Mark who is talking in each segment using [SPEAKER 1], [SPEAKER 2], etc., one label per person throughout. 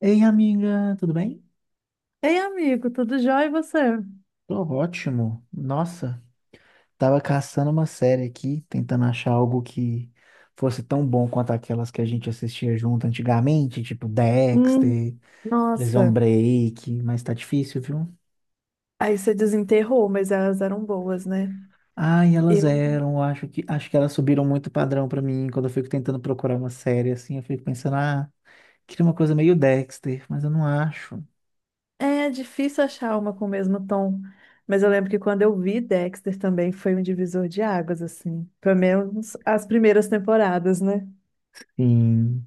[SPEAKER 1] Ei, amiga, tudo bem?
[SPEAKER 2] Ei, amigo, tudo jóia e você?
[SPEAKER 1] Tô ótimo. Nossa, tava caçando uma série aqui, tentando achar algo que fosse tão bom quanto aquelas que a gente assistia junto antigamente, tipo
[SPEAKER 2] Hum,
[SPEAKER 1] Dexter, Prison
[SPEAKER 2] nossa,
[SPEAKER 1] Break, mas tá difícil, viu?
[SPEAKER 2] aí você desenterrou, mas elas eram boas, né?
[SPEAKER 1] Ai, elas
[SPEAKER 2] Eu.
[SPEAKER 1] eram, eu acho que elas subiram muito o padrão pra mim. Quando eu fico tentando procurar uma série assim, eu fico pensando, queria uma coisa meio Dexter, mas eu não acho.
[SPEAKER 2] É difícil achar uma com o mesmo tom, mas eu lembro que quando eu vi Dexter também foi um divisor de águas, assim. Pelo menos as primeiras temporadas, né?
[SPEAKER 1] Sim.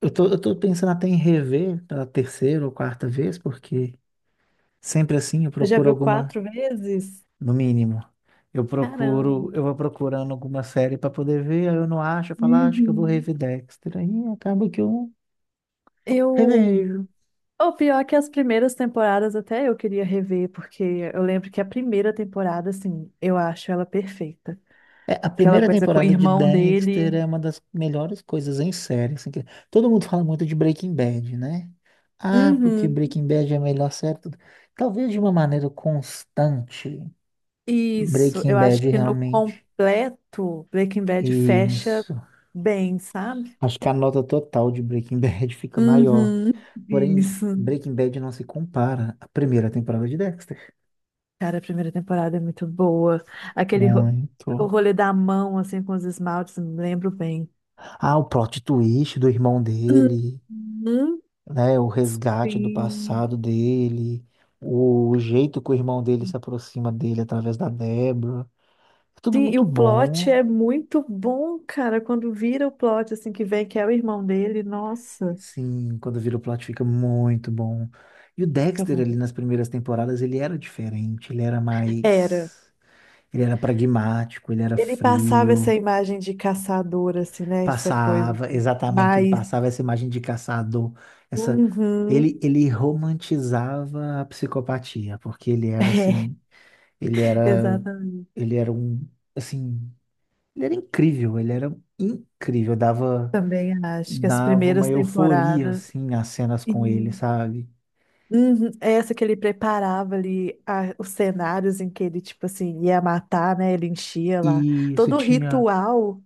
[SPEAKER 1] Eu tô pensando até em rever pela terceira ou quarta vez, porque sempre assim, eu
[SPEAKER 2] Você já
[SPEAKER 1] procuro
[SPEAKER 2] viu
[SPEAKER 1] alguma,
[SPEAKER 2] quatro vezes?
[SPEAKER 1] no mínimo. Eu procuro,
[SPEAKER 2] Caramba.
[SPEAKER 1] eu vou procurando alguma série para poder ver, aí eu não acho, eu falo, "Ah, acho que eu vou
[SPEAKER 2] Uhum.
[SPEAKER 1] rever Dexter." Aí acaba que eu
[SPEAKER 2] Eu.
[SPEAKER 1] revejo.
[SPEAKER 2] O pior é que as primeiras temporadas até eu queria rever, porque eu lembro que a primeira temporada, assim, eu acho ela perfeita.
[SPEAKER 1] É, a
[SPEAKER 2] Aquela
[SPEAKER 1] primeira
[SPEAKER 2] coisa com o
[SPEAKER 1] temporada de
[SPEAKER 2] irmão
[SPEAKER 1] Dexter
[SPEAKER 2] dele.
[SPEAKER 1] é uma das melhores coisas em série, assim, que todo mundo fala muito de Breaking Bad, né? Ah, porque
[SPEAKER 2] Uhum.
[SPEAKER 1] Breaking Bad é a melhor série, tudo. Talvez de uma maneira constante,
[SPEAKER 2] Isso,
[SPEAKER 1] Breaking
[SPEAKER 2] eu acho
[SPEAKER 1] Bad
[SPEAKER 2] que no
[SPEAKER 1] realmente.
[SPEAKER 2] completo, Breaking Bad fecha
[SPEAKER 1] Isso.
[SPEAKER 2] bem, sabe?
[SPEAKER 1] Acho que a nota total de Breaking Bad fica maior.
[SPEAKER 2] Uhum.
[SPEAKER 1] Porém,
[SPEAKER 2] Isso.
[SPEAKER 1] Breaking Bad não se compara à primeira temporada de Dexter.
[SPEAKER 2] Cara, a primeira temporada é muito boa. Aquele ro- o
[SPEAKER 1] Muito.
[SPEAKER 2] rolê da mão, assim, com os esmaltes, me lembro bem.
[SPEAKER 1] Ah, o plot twist do irmão dele,
[SPEAKER 2] Uhum.
[SPEAKER 1] né? O resgate do
[SPEAKER 2] Sim.
[SPEAKER 1] passado dele, o jeito que o irmão dele se aproxima dele através da Deborah. É tudo
[SPEAKER 2] Sim, e
[SPEAKER 1] muito
[SPEAKER 2] o plot
[SPEAKER 1] bom.
[SPEAKER 2] é muito bom, cara. Quando vira o plot, assim, que vem, que é o irmão dele, nossa.
[SPEAKER 1] Sim, quando vira o plot fica muito bom. E o
[SPEAKER 2] Fica
[SPEAKER 1] Dexter ali
[SPEAKER 2] muito.
[SPEAKER 1] nas primeiras temporadas, ele era diferente, ele era
[SPEAKER 2] Era.
[SPEAKER 1] mais. Ele era pragmático, ele era
[SPEAKER 2] Ele passava essa
[SPEAKER 1] frio.
[SPEAKER 2] imagem de caçador, assim, né? Essa coisa
[SPEAKER 1] Passava,
[SPEAKER 2] de
[SPEAKER 1] exatamente, ele
[SPEAKER 2] mais.
[SPEAKER 1] passava essa imagem de caçador, essa
[SPEAKER 2] Uhum.
[SPEAKER 1] ele romantizava a psicopatia, porque ele era assim, ele
[SPEAKER 2] É,
[SPEAKER 1] era
[SPEAKER 2] exatamente.
[SPEAKER 1] ele era um assim, ele era incrível, dava
[SPEAKER 2] Também acho que as
[SPEAKER 1] dava uma
[SPEAKER 2] primeiras
[SPEAKER 1] euforia
[SPEAKER 2] temporadas.
[SPEAKER 1] assim nas cenas com ele,
[SPEAKER 2] E.
[SPEAKER 1] sabe?
[SPEAKER 2] Uhum. Essa que ele preparava ali os cenários em que ele, tipo assim, ia matar, né? Ele enchia lá.
[SPEAKER 1] E isso
[SPEAKER 2] Todo o
[SPEAKER 1] tinha.
[SPEAKER 2] ritual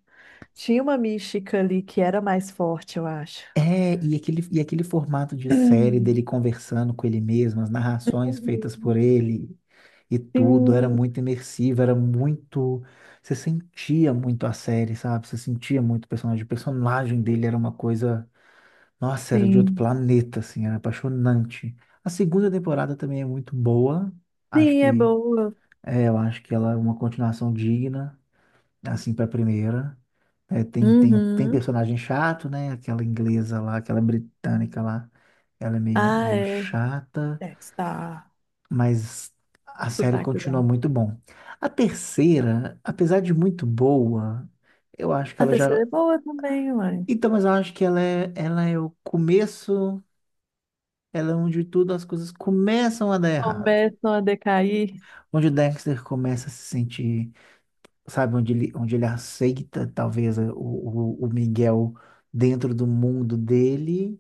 [SPEAKER 2] tinha uma mística ali que era mais forte, eu acho.
[SPEAKER 1] É, e aquele formato de série
[SPEAKER 2] Uhum.
[SPEAKER 1] dele conversando com ele mesmo, as narrações feitas por ele e tudo, era
[SPEAKER 2] Sim,
[SPEAKER 1] muito imersivo, era muito. Você sentia muito a série, sabe? Você sentia muito o personagem. O personagem dele era uma coisa. Nossa, era de outro
[SPEAKER 2] sim.
[SPEAKER 1] planeta, assim, era apaixonante. A segunda temporada também é muito boa. Acho
[SPEAKER 2] Sim, é
[SPEAKER 1] que.
[SPEAKER 2] boa.
[SPEAKER 1] É, eu acho que ela é uma continuação digna, assim, pra primeira. É, tem
[SPEAKER 2] Uhum.
[SPEAKER 1] personagem chato, né? Aquela inglesa lá, aquela britânica lá, ela é meio,
[SPEAKER 2] Ah,
[SPEAKER 1] meio
[SPEAKER 2] é.
[SPEAKER 1] chata,
[SPEAKER 2] É. Está
[SPEAKER 1] mas a série continua
[SPEAKER 2] sotaquezão.
[SPEAKER 1] muito bom. A terceira, apesar de muito boa, eu acho que
[SPEAKER 2] A
[SPEAKER 1] ela
[SPEAKER 2] terceira
[SPEAKER 1] já.
[SPEAKER 2] é boa também, mãe.
[SPEAKER 1] Então, mas eu acho que ela é o começo, ela é onde tudo as coisas começam a dar errado.
[SPEAKER 2] Começam a decair.
[SPEAKER 1] Onde o Dexter começa a se sentir, sabe, onde ele aceita, talvez, o Miguel dentro do mundo dele.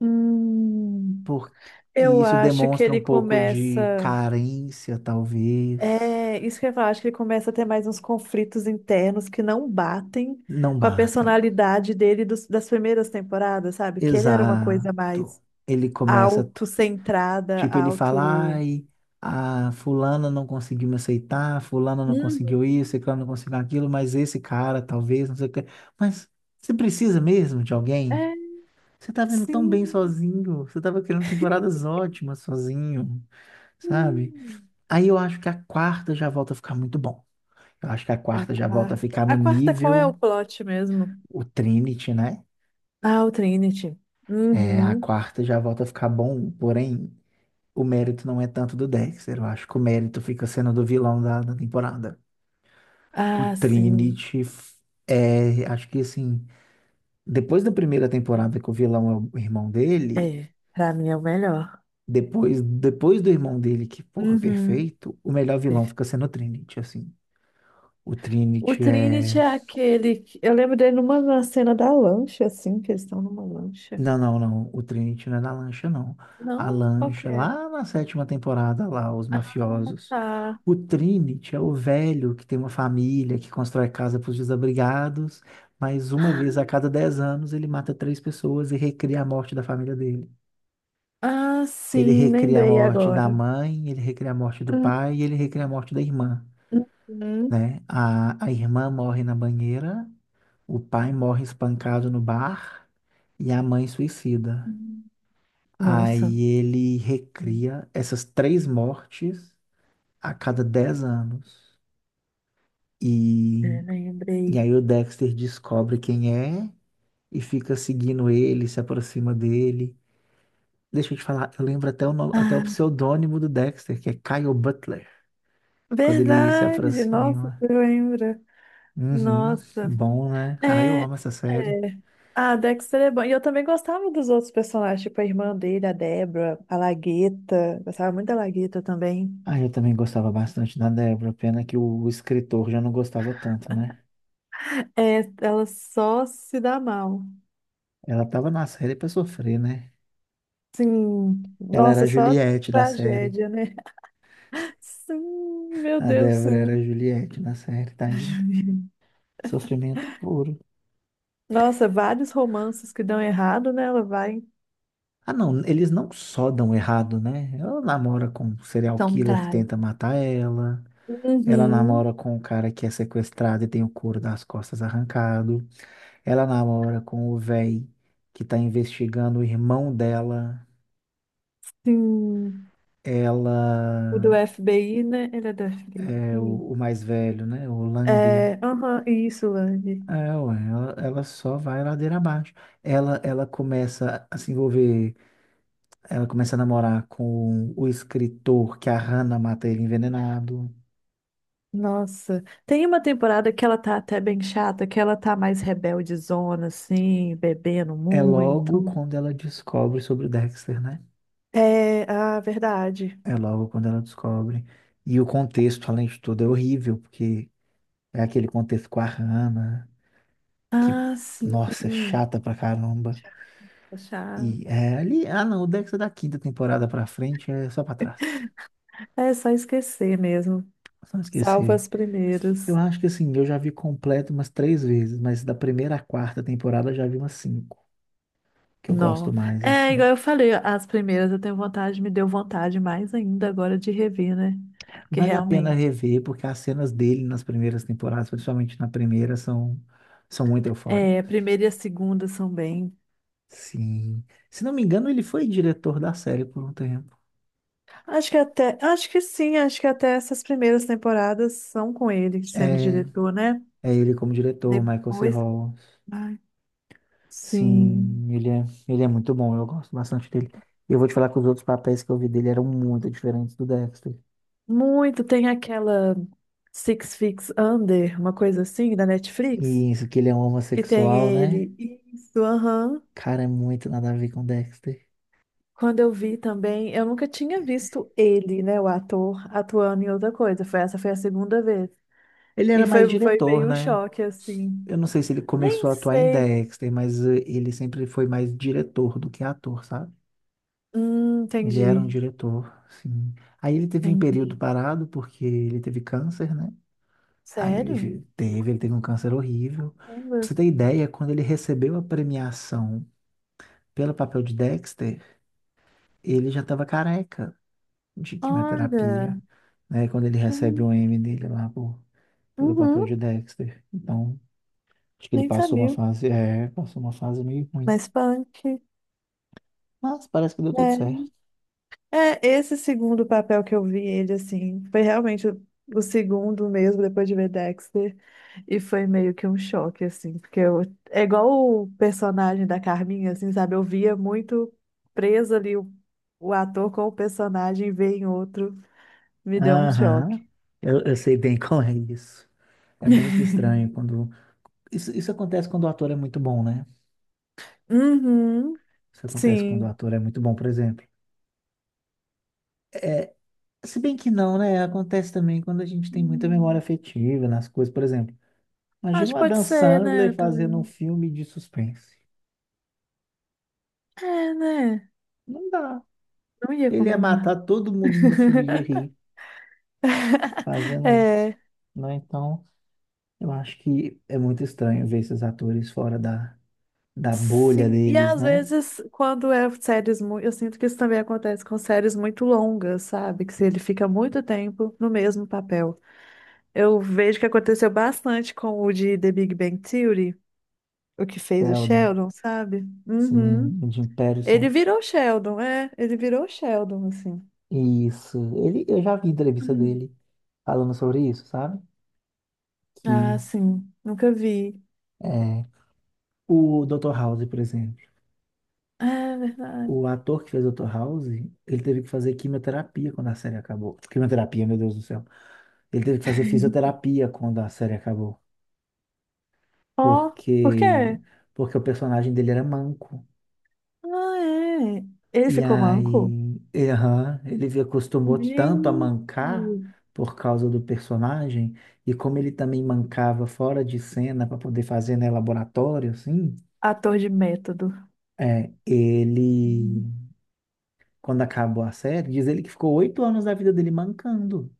[SPEAKER 2] Hum,
[SPEAKER 1] Por... E
[SPEAKER 2] eu
[SPEAKER 1] isso
[SPEAKER 2] acho que
[SPEAKER 1] demonstra um
[SPEAKER 2] ele
[SPEAKER 1] pouco de
[SPEAKER 2] começa.
[SPEAKER 1] carência, talvez.
[SPEAKER 2] É, isso que eu ia falar, acho que ele começa a ter mais uns conflitos internos que não batem
[SPEAKER 1] Não
[SPEAKER 2] com a
[SPEAKER 1] batem.
[SPEAKER 2] personalidade dele das primeiras temporadas, sabe? Que ele era uma
[SPEAKER 1] Exato.
[SPEAKER 2] coisa mais
[SPEAKER 1] Ele começa,
[SPEAKER 2] autocentrada,
[SPEAKER 1] tipo, ele fala,
[SPEAKER 2] auto.
[SPEAKER 1] ai, a fulana não conseguiu me aceitar, fulana não
[SPEAKER 2] Uhum.
[SPEAKER 1] conseguiu isso, ciclano não conseguiu aquilo, mas esse cara, talvez, não sei o quê. Mas você precisa mesmo de alguém?
[SPEAKER 2] É,
[SPEAKER 1] Você tá vendo tão bem
[SPEAKER 2] sim.
[SPEAKER 1] sozinho, você tava querendo temporadas ótimas sozinho, sabe?
[SPEAKER 2] Hum.
[SPEAKER 1] Aí eu acho que a quarta já volta a ficar muito bom. Eu acho que a
[SPEAKER 2] A
[SPEAKER 1] quarta já volta a
[SPEAKER 2] quarta.
[SPEAKER 1] ficar no
[SPEAKER 2] A quarta, qual é o
[SPEAKER 1] nível
[SPEAKER 2] plot mesmo?
[SPEAKER 1] o Trinity, né?
[SPEAKER 2] Ah, o Trinity.
[SPEAKER 1] É, a
[SPEAKER 2] Uhum.
[SPEAKER 1] quarta já volta a ficar bom, porém o mérito não é tanto do Dexter. Eu acho que o mérito fica sendo do vilão da temporada. O
[SPEAKER 2] Ah, sim.
[SPEAKER 1] Trinity f- é, acho que assim, depois da primeira temporada que o vilão é o irmão dele,
[SPEAKER 2] É, pra mim é o melhor.
[SPEAKER 1] depois do irmão dele, que porra,
[SPEAKER 2] Uhum.
[SPEAKER 1] perfeito, o melhor vilão
[SPEAKER 2] Perfe.
[SPEAKER 1] fica sendo o Trinity, assim. O
[SPEAKER 2] O
[SPEAKER 1] Trinity é.
[SPEAKER 2] Trinity é aquele que... Eu lembro dele numa na cena da lancha, assim, que eles estão numa lancha.
[SPEAKER 1] Não, não, não. O Trinity não é da lancha, não. A
[SPEAKER 2] Não? Qual que
[SPEAKER 1] lancha,
[SPEAKER 2] é?
[SPEAKER 1] lá na sétima temporada, lá, os
[SPEAKER 2] Ah,
[SPEAKER 1] mafiosos.
[SPEAKER 2] tá.
[SPEAKER 1] O Trinity é o velho que tem uma família, que constrói casa para os desabrigados, mas uma vez a cada 10 anos ele mata três pessoas e recria a morte da família dele.
[SPEAKER 2] Ah,
[SPEAKER 1] Ele
[SPEAKER 2] sim,
[SPEAKER 1] recria a
[SPEAKER 2] lembrei
[SPEAKER 1] morte da
[SPEAKER 2] agora.
[SPEAKER 1] mãe, ele recria a morte do pai e ele recria a morte da irmã,
[SPEAKER 2] Uhum.
[SPEAKER 1] né? A irmã morre na banheira, o pai morre espancado no bar e a mãe suicida.
[SPEAKER 2] Nossa,
[SPEAKER 1] Aí ele recria essas três mortes a cada 10 anos. E,
[SPEAKER 2] é,
[SPEAKER 1] e
[SPEAKER 2] lembrei.
[SPEAKER 1] aí o Dexter descobre quem é e fica seguindo ele, se aproxima dele. Deixa eu te falar, eu lembro até o, no- até o
[SPEAKER 2] Ah,
[SPEAKER 1] pseudônimo do Dexter, que é Kyle Butler, quando ele se
[SPEAKER 2] verdade, nossa,
[SPEAKER 1] aproxima.
[SPEAKER 2] você lembra.
[SPEAKER 1] Uhum,
[SPEAKER 2] Nossa,
[SPEAKER 1] bom, né? Ah, eu
[SPEAKER 2] é,
[SPEAKER 1] amo essa série.
[SPEAKER 2] é. Ah, Dexter é bom. E eu também gostava dos outros personagens, tipo a irmã dele, a Débora, a Lagueta. Gostava muito da Lagueta também.
[SPEAKER 1] Ah, eu também gostava bastante da Deborah, pena que o escritor já não gostava tanto, né?
[SPEAKER 2] É, ela só se dá mal.
[SPEAKER 1] Ela tava na série pra sofrer, né?
[SPEAKER 2] Sim.
[SPEAKER 1] Ela era a
[SPEAKER 2] Nossa, só
[SPEAKER 1] Juliette da série.
[SPEAKER 2] tragédia, né? Sim, meu
[SPEAKER 1] A
[SPEAKER 2] Deus,
[SPEAKER 1] Débora era
[SPEAKER 2] sim.
[SPEAKER 1] a Juliette na série, tadinha. Sofrimento puro.
[SPEAKER 2] Nossa, vários romances que dão errado, né? Ela vai.
[SPEAKER 1] Ah, não, eles não só dão errado, né? Ela namora com um serial
[SPEAKER 2] Tão
[SPEAKER 1] killer que
[SPEAKER 2] trágico.
[SPEAKER 1] tenta matar ela. Ela
[SPEAKER 2] Uhum,
[SPEAKER 1] namora com um cara que é sequestrado e tem o couro das costas arrancado. Ela namora com o véi que tá investigando o irmão dela.
[SPEAKER 2] sim.
[SPEAKER 1] Ela
[SPEAKER 2] O do FBI, né? Ele é do
[SPEAKER 1] é o
[SPEAKER 2] FBI.
[SPEAKER 1] mais velho, né? O Landy.
[SPEAKER 2] É, aham, isso, Lani.
[SPEAKER 1] É, ué, ela só vai ladeira abaixo. Ela começa a se envolver, ela começa a namorar com o escritor que a Hannah mata ele envenenado.
[SPEAKER 2] Nossa, tem uma temporada que ela tá até bem chata, que ela tá mais rebeldezona, assim, bebendo
[SPEAKER 1] É logo
[SPEAKER 2] muito.
[SPEAKER 1] quando ela descobre sobre o Dexter, né?
[SPEAKER 2] É, ah, verdade.
[SPEAKER 1] É logo quando ela descobre. E o contexto, além de tudo, é horrível, porque é aquele contexto com a Hannah, que,
[SPEAKER 2] Ah, sim.
[SPEAKER 1] nossa, é chata pra caramba.
[SPEAKER 2] Chata,
[SPEAKER 1] E
[SPEAKER 2] chata.
[SPEAKER 1] é ali, ah não, o Dexter da quinta temporada pra frente é só pra trás.
[SPEAKER 2] É só esquecer mesmo.
[SPEAKER 1] Só não
[SPEAKER 2] Salva
[SPEAKER 1] esquecer.
[SPEAKER 2] as
[SPEAKER 1] Eu
[SPEAKER 2] primeiras.
[SPEAKER 1] acho que assim, eu já vi completo umas três vezes, mas da primeira à quarta temporada eu já vi umas cinco, que eu gosto
[SPEAKER 2] Não.
[SPEAKER 1] mais,
[SPEAKER 2] É,
[SPEAKER 1] assim.
[SPEAKER 2] igual eu falei, as primeiras eu tenho vontade, me deu vontade mais ainda agora de rever, né? Que
[SPEAKER 1] Vale a pena
[SPEAKER 2] realmente.
[SPEAKER 1] rever, porque as cenas dele nas primeiras temporadas, principalmente na primeira, são, são muito
[SPEAKER 2] É, a
[SPEAKER 1] eufóricas.
[SPEAKER 2] primeira e a segunda são bem.
[SPEAKER 1] Sim. Se não me engano, ele foi diretor da série por um tempo.
[SPEAKER 2] Acho que até, acho que sim, acho que até essas primeiras temporadas são com ele sendo
[SPEAKER 1] É,
[SPEAKER 2] diretor, né?
[SPEAKER 1] é ele como diretor, Michael C.
[SPEAKER 2] Depois,
[SPEAKER 1] Hall.
[SPEAKER 2] ai, sim.
[SPEAKER 1] Sim, ele é muito bom, eu gosto bastante dele. Eu vou te falar que os outros papéis que eu vi dele eram muito diferentes do Dexter.
[SPEAKER 2] Muito, tem aquela Six Feet Under, uma coisa assim, da Netflix,
[SPEAKER 1] E isso que ele é um
[SPEAKER 2] que tem
[SPEAKER 1] homossexual, né?
[SPEAKER 2] ele. Isso, aham.
[SPEAKER 1] Cara, é muito nada a ver com Dexter.
[SPEAKER 2] Quando eu vi também, eu nunca tinha visto ele, né, o ator, atuando em outra coisa. Foi, essa foi a segunda vez.
[SPEAKER 1] Ele
[SPEAKER 2] E
[SPEAKER 1] era mais
[SPEAKER 2] foi, foi
[SPEAKER 1] diretor,
[SPEAKER 2] meio um
[SPEAKER 1] né?
[SPEAKER 2] choque, assim.
[SPEAKER 1] Eu não sei se ele
[SPEAKER 2] Nem
[SPEAKER 1] começou a atuar em
[SPEAKER 2] sei.
[SPEAKER 1] Dexter, mas ele sempre foi mais diretor do que ator, sabe? Ele era um
[SPEAKER 2] Entendi,
[SPEAKER 1] diretor, sim. Aí ele teve um período
[SPEAKER 2] entendi.
[SPEAKER 1] parado porque ele teve câncer, né? Aí ele
[SPEAKER 2] Sério?
[SPEAKER 1] fi- teve, ele teve um câncer horrível. Pra
[SPEAKER 2] Uber.
[SPEAKER 1] você ter ideia, quando ele recebeu a premiação pelo papel de Dexter, ele já estava careca de quimioterapia,
[SPEAKER 2] Olha,
[SPEAKER 1] né? Quando ele recebe
[SPEAKER 2] sim.
[SPEAKER 1] o M dele lá, pô, pelo papel
[SPEAKER 2] Uhum,
[SPEAKER 1] de Dexter. Então, acho que ele
[SPEAKER 2] nem
[SPEAKER 1] passou uma
[SPEAKER 2] sabia.
[SPEAKER 1] fase, passou uma fase meio ruim.
[SPEAKER 2] Mas punk,
[SPEAKER 1] Mas parece que deu tudo
[SPEAKER 2] né?
[SPEAKER 1] certo.
[SPEAKER 2] É, esse segundo papel que eu vi ele, assim, foi realmente o segundo mesmo, depois de ver Dexter, e foi meio que um choque, assim, porque eu, é igual o personagem da Carminha, assim, sabe? Eu via muito preso ali o ator com o personagem, e ver em outro, me deu um choque.
[SPEAKER 1] Aham, eu sei bem qual é isso. É muito estranho quando. Isso acontece quando o ator é muito bom, né?
[SPEAKER 2] Uhum,
[SPEAKER 1] Isso acontece quando o
[SPEAKER 2] sim.
[SPEAKER 1] ator é muito bom, por exemplo. É, se bem que não, né? Acontece também quando a gente tem muita memória
[SPEAKER 2] Hum,
[SPEAKER 1] afetiva nas coisas, por exemplo. Imagina
[SPEAKER 2] acho
[SPEAKER 1] o
[SPEAKER 2] que pode
[SPEAKER 1] Adam
[SPEAKER 2] ser, né,
[SPEAKER 1] Sandler fazendo um
[SPEAKER 2] também.
[SPEAKER 1] filme de suspense.
[SPEAKER 2] É, né?
[SPEAKER 1] Não dá.
[SPEAKER 2] Não ia
[SPEAKER 1] Ele ia
[SPEAKER 2] combinar.
[SPEAKER 1] matar todo mundo no filme de rir, fazendo.
[SPEAKER 2] É,
[SPEAKER 1] Né? Então. Eu acho que é muito estranho ver esses atores fora da bolha
[SPEAKER 2] sim. E
[SPEAKER 1] deles,
[SPEAKER 2] às
[SPEAKER 1] né?
[SPEAKER 2] vezes, quando é séries muito. Eu sinto que isso também acontece com séries muito longas, sabe? Que se ele fica muito tempo no mesmo papel. Eu vejo que aconteceu bastante com o de The Big Bang Theory, o que fez o
[SPEAKER 1] Sheldon,
[SPEAKER 2] Sheldon, sabe? Uhum.
[SPEAKER 1] sim, o Jim
[SPEAKER 2] Ele
[SPEAKER 1] Patterson,
[SPEAKER 2] virou Sheldon, é. Ele virou Sheldon, assim.
[SPEAKER 1] isso. Ele, eu já vi entrevista
[SPEAKER 2] Hum.
[SPEAKER 1] dele falando sobre isso, sabe? Que
[SPEAKER 2] Ah, sim. Nunca vi.
[SPEAKER 1] é, o Dr. House, por exemplo,
[SPEAKER 2] É verdade.
[SPEAKER 1] o ator que fez o Dr. House, ele teve que fazer quimioterapia quando a série acabou. Quimioterapia, meu Deus do céu. Ele teve que fazer fisioterapia quando a série acabou,
[SPEAKER 2] Ó, por
[SPEAKER 1] porque
[SPEAKER 2] quê?
[SPEAKER 1] porque o personagem dele era manco.
[SPEAKER 2] Ah, é. Ele
[SPEAKER 1] E
[SPEAKER 2] ficou manco?
[SPEAKER 1] aí, aham, acostumou tanto a
[SPEAKER 2] Gente,
[SPEAKER 1] mancar por causa do personagem, e como ele também mancava fora de cena para poder fazer, né, laboratório, assim,
[SPEAKER 2] ator de método.
[SPEAKER 1] é, ele, quando acabou a série, diz ele que ficou oito anos da vida dele mancando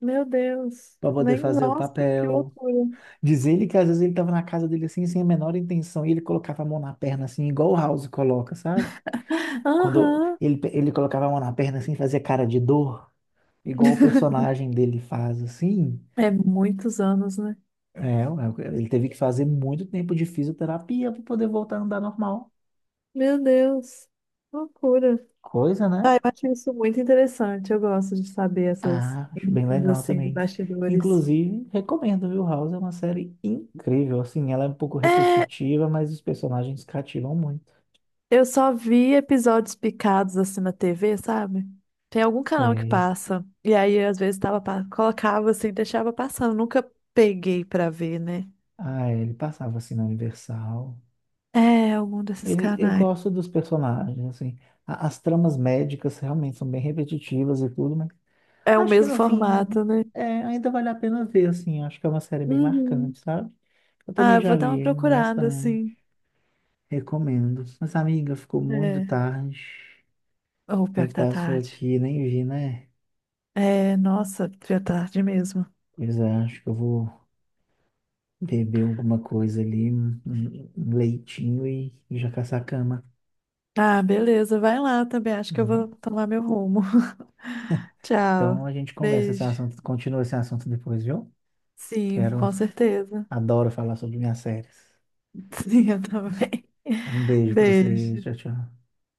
[SPEAKER 2] Meu Deus.
[SPEAKER 1] para poder
[SPEAKER 2] Nem,
[SPEAKER 1] fazer o
[SPEAKER 2] nossa, que
[SPEAKER 1] papel.
[SPEAKER 2] loucura.
[SPEAKER 1] Diz ele que às vezes ele estava na casa dele assim, sem a menor intenção, e ele colocava a mão na perna assim, igual o House coloca, sabe? Quando
[SPEAKER 2] Aham.
[SPEAKER 1] ele colocava a mão na perna assim, fazia cara de dor, igual o personagem dele faz assim,
[SPEAKER 2] É muitos anos, né?
[SPEAKER 1] é, ué, ele teve que fazer muito tempo de fisioterapia para poder voltar a andar normal.
[SPEAKER 2] Meu Deus. Loucura.
[SPEAKER 1] Coisa,
[SPEAKER 2] Ah,
[SPEAKER 1] né?
[SPEAKER 2] eu acho isso muito interessante. Eu gosto de saber essas
[SPEAKER 1] Ah, acho bem
[SPEAKER 2] coisas,
[SPEAKER 1] legal
[SPEAKER 2] assim de
[SPEAKER 1] também.
[SPEAKER 2] bastidores.
[SPEAKER 1] Inclusive, recomendo, viu? House é uma série incrível, assim, ela é um pouco
[SPEAKER 2] É.
[SPEAKER 1] repetitiva, mas os personagens cativam muito.
[SPEAKER 2] Eu só vi episódios picados assim na TV, sabe? Tem algum canal que
[SPEAKER 1] Sei.
[SPEAKER 2] passa. E aí, às vezes, tava, colocava assim, deixava passando. Nunca peguei pra ver, né?
[SPEAKER 1] Ah, é, ele passava assim na Universal.
[SPEAKER 2] É, algum desses
[SPEAKER 1] Ele, eu
[SPEAKER 2] canais.
[SPEAKER 1] gosto dos personagens, assim. A- As tramas médicas realmente são bem repetitivas e tudo, mas
[SPEAKER 2] É o
[SPEAKER 1] acho que
[SPEAKER 2] mesmo
[SPEAKER 1] no fim,
[SPEAKER 2] formato, né?
[SPEAKER 1] é, ainda vale a pena ver, assim. Acho que é uma série bem
[SPEAKER 2] Uhum.
[SPEAKER 1] marcante, sabe? Eu
[SPEAKER 2] Ah,
[SPEAKER 1] também
[SPEAKER 2] eu vou
[SPEAKER 1] já
[SPEAKER 2] dar uma
[SPEAKER 1] vi
[SPEAKER 2] procurada,
[SPEAKER 1] bastante.
[SPEAKER 2] assim.
[SPEAKER 1] Recomendo. Mas, amiga, ficou muito
[SPEAKER 2] É.
[SPEAKER 1] tarde.
[SPEAKER 2] Ou
[SPEAKER 1] O
[SPEAKER 2] pior
[SPEAKER 1] tempo
[SPEAKER 2] que tá
[SPEAKER 1] passou
[SPEAKER 2] tarde.
[SPEAKER 1] aqui, nem vi, né?
[SPEAKER 2] É, nossa, pior tarde mesmo.
[SPEAKER 1] Pois é, acho que eu vou beber alguma coisa ali, um leitinho e já caçar a cama.
[SPEAKER 2] Ah, beleza, vai lá também. Acho
[SPEAKER 1] Tá
[SPEAKER 2] que eu
[SPEAKER 1] bom?
[SPEAKER 2] vou tomar meu rumo. Tchau.
[SPEAKER 1] Então a gente
[SPEAKER 2] Beijo.
[SPEAKER 1] continua esse assunto depois, viu?
[SPEAKER 2] Sim,
[SPEAKER 1] Quero,
[SPEAKER 2] com certeza.
[SPEAKER 1] adoro falar sobre minhas séries.
[SPEAKER 2] Sim, eu também.
[SPEAKER 1] Um beijo pra você,
[SPEAKER 2] Beijo.
[SPEAKER 1] tchau, tchau.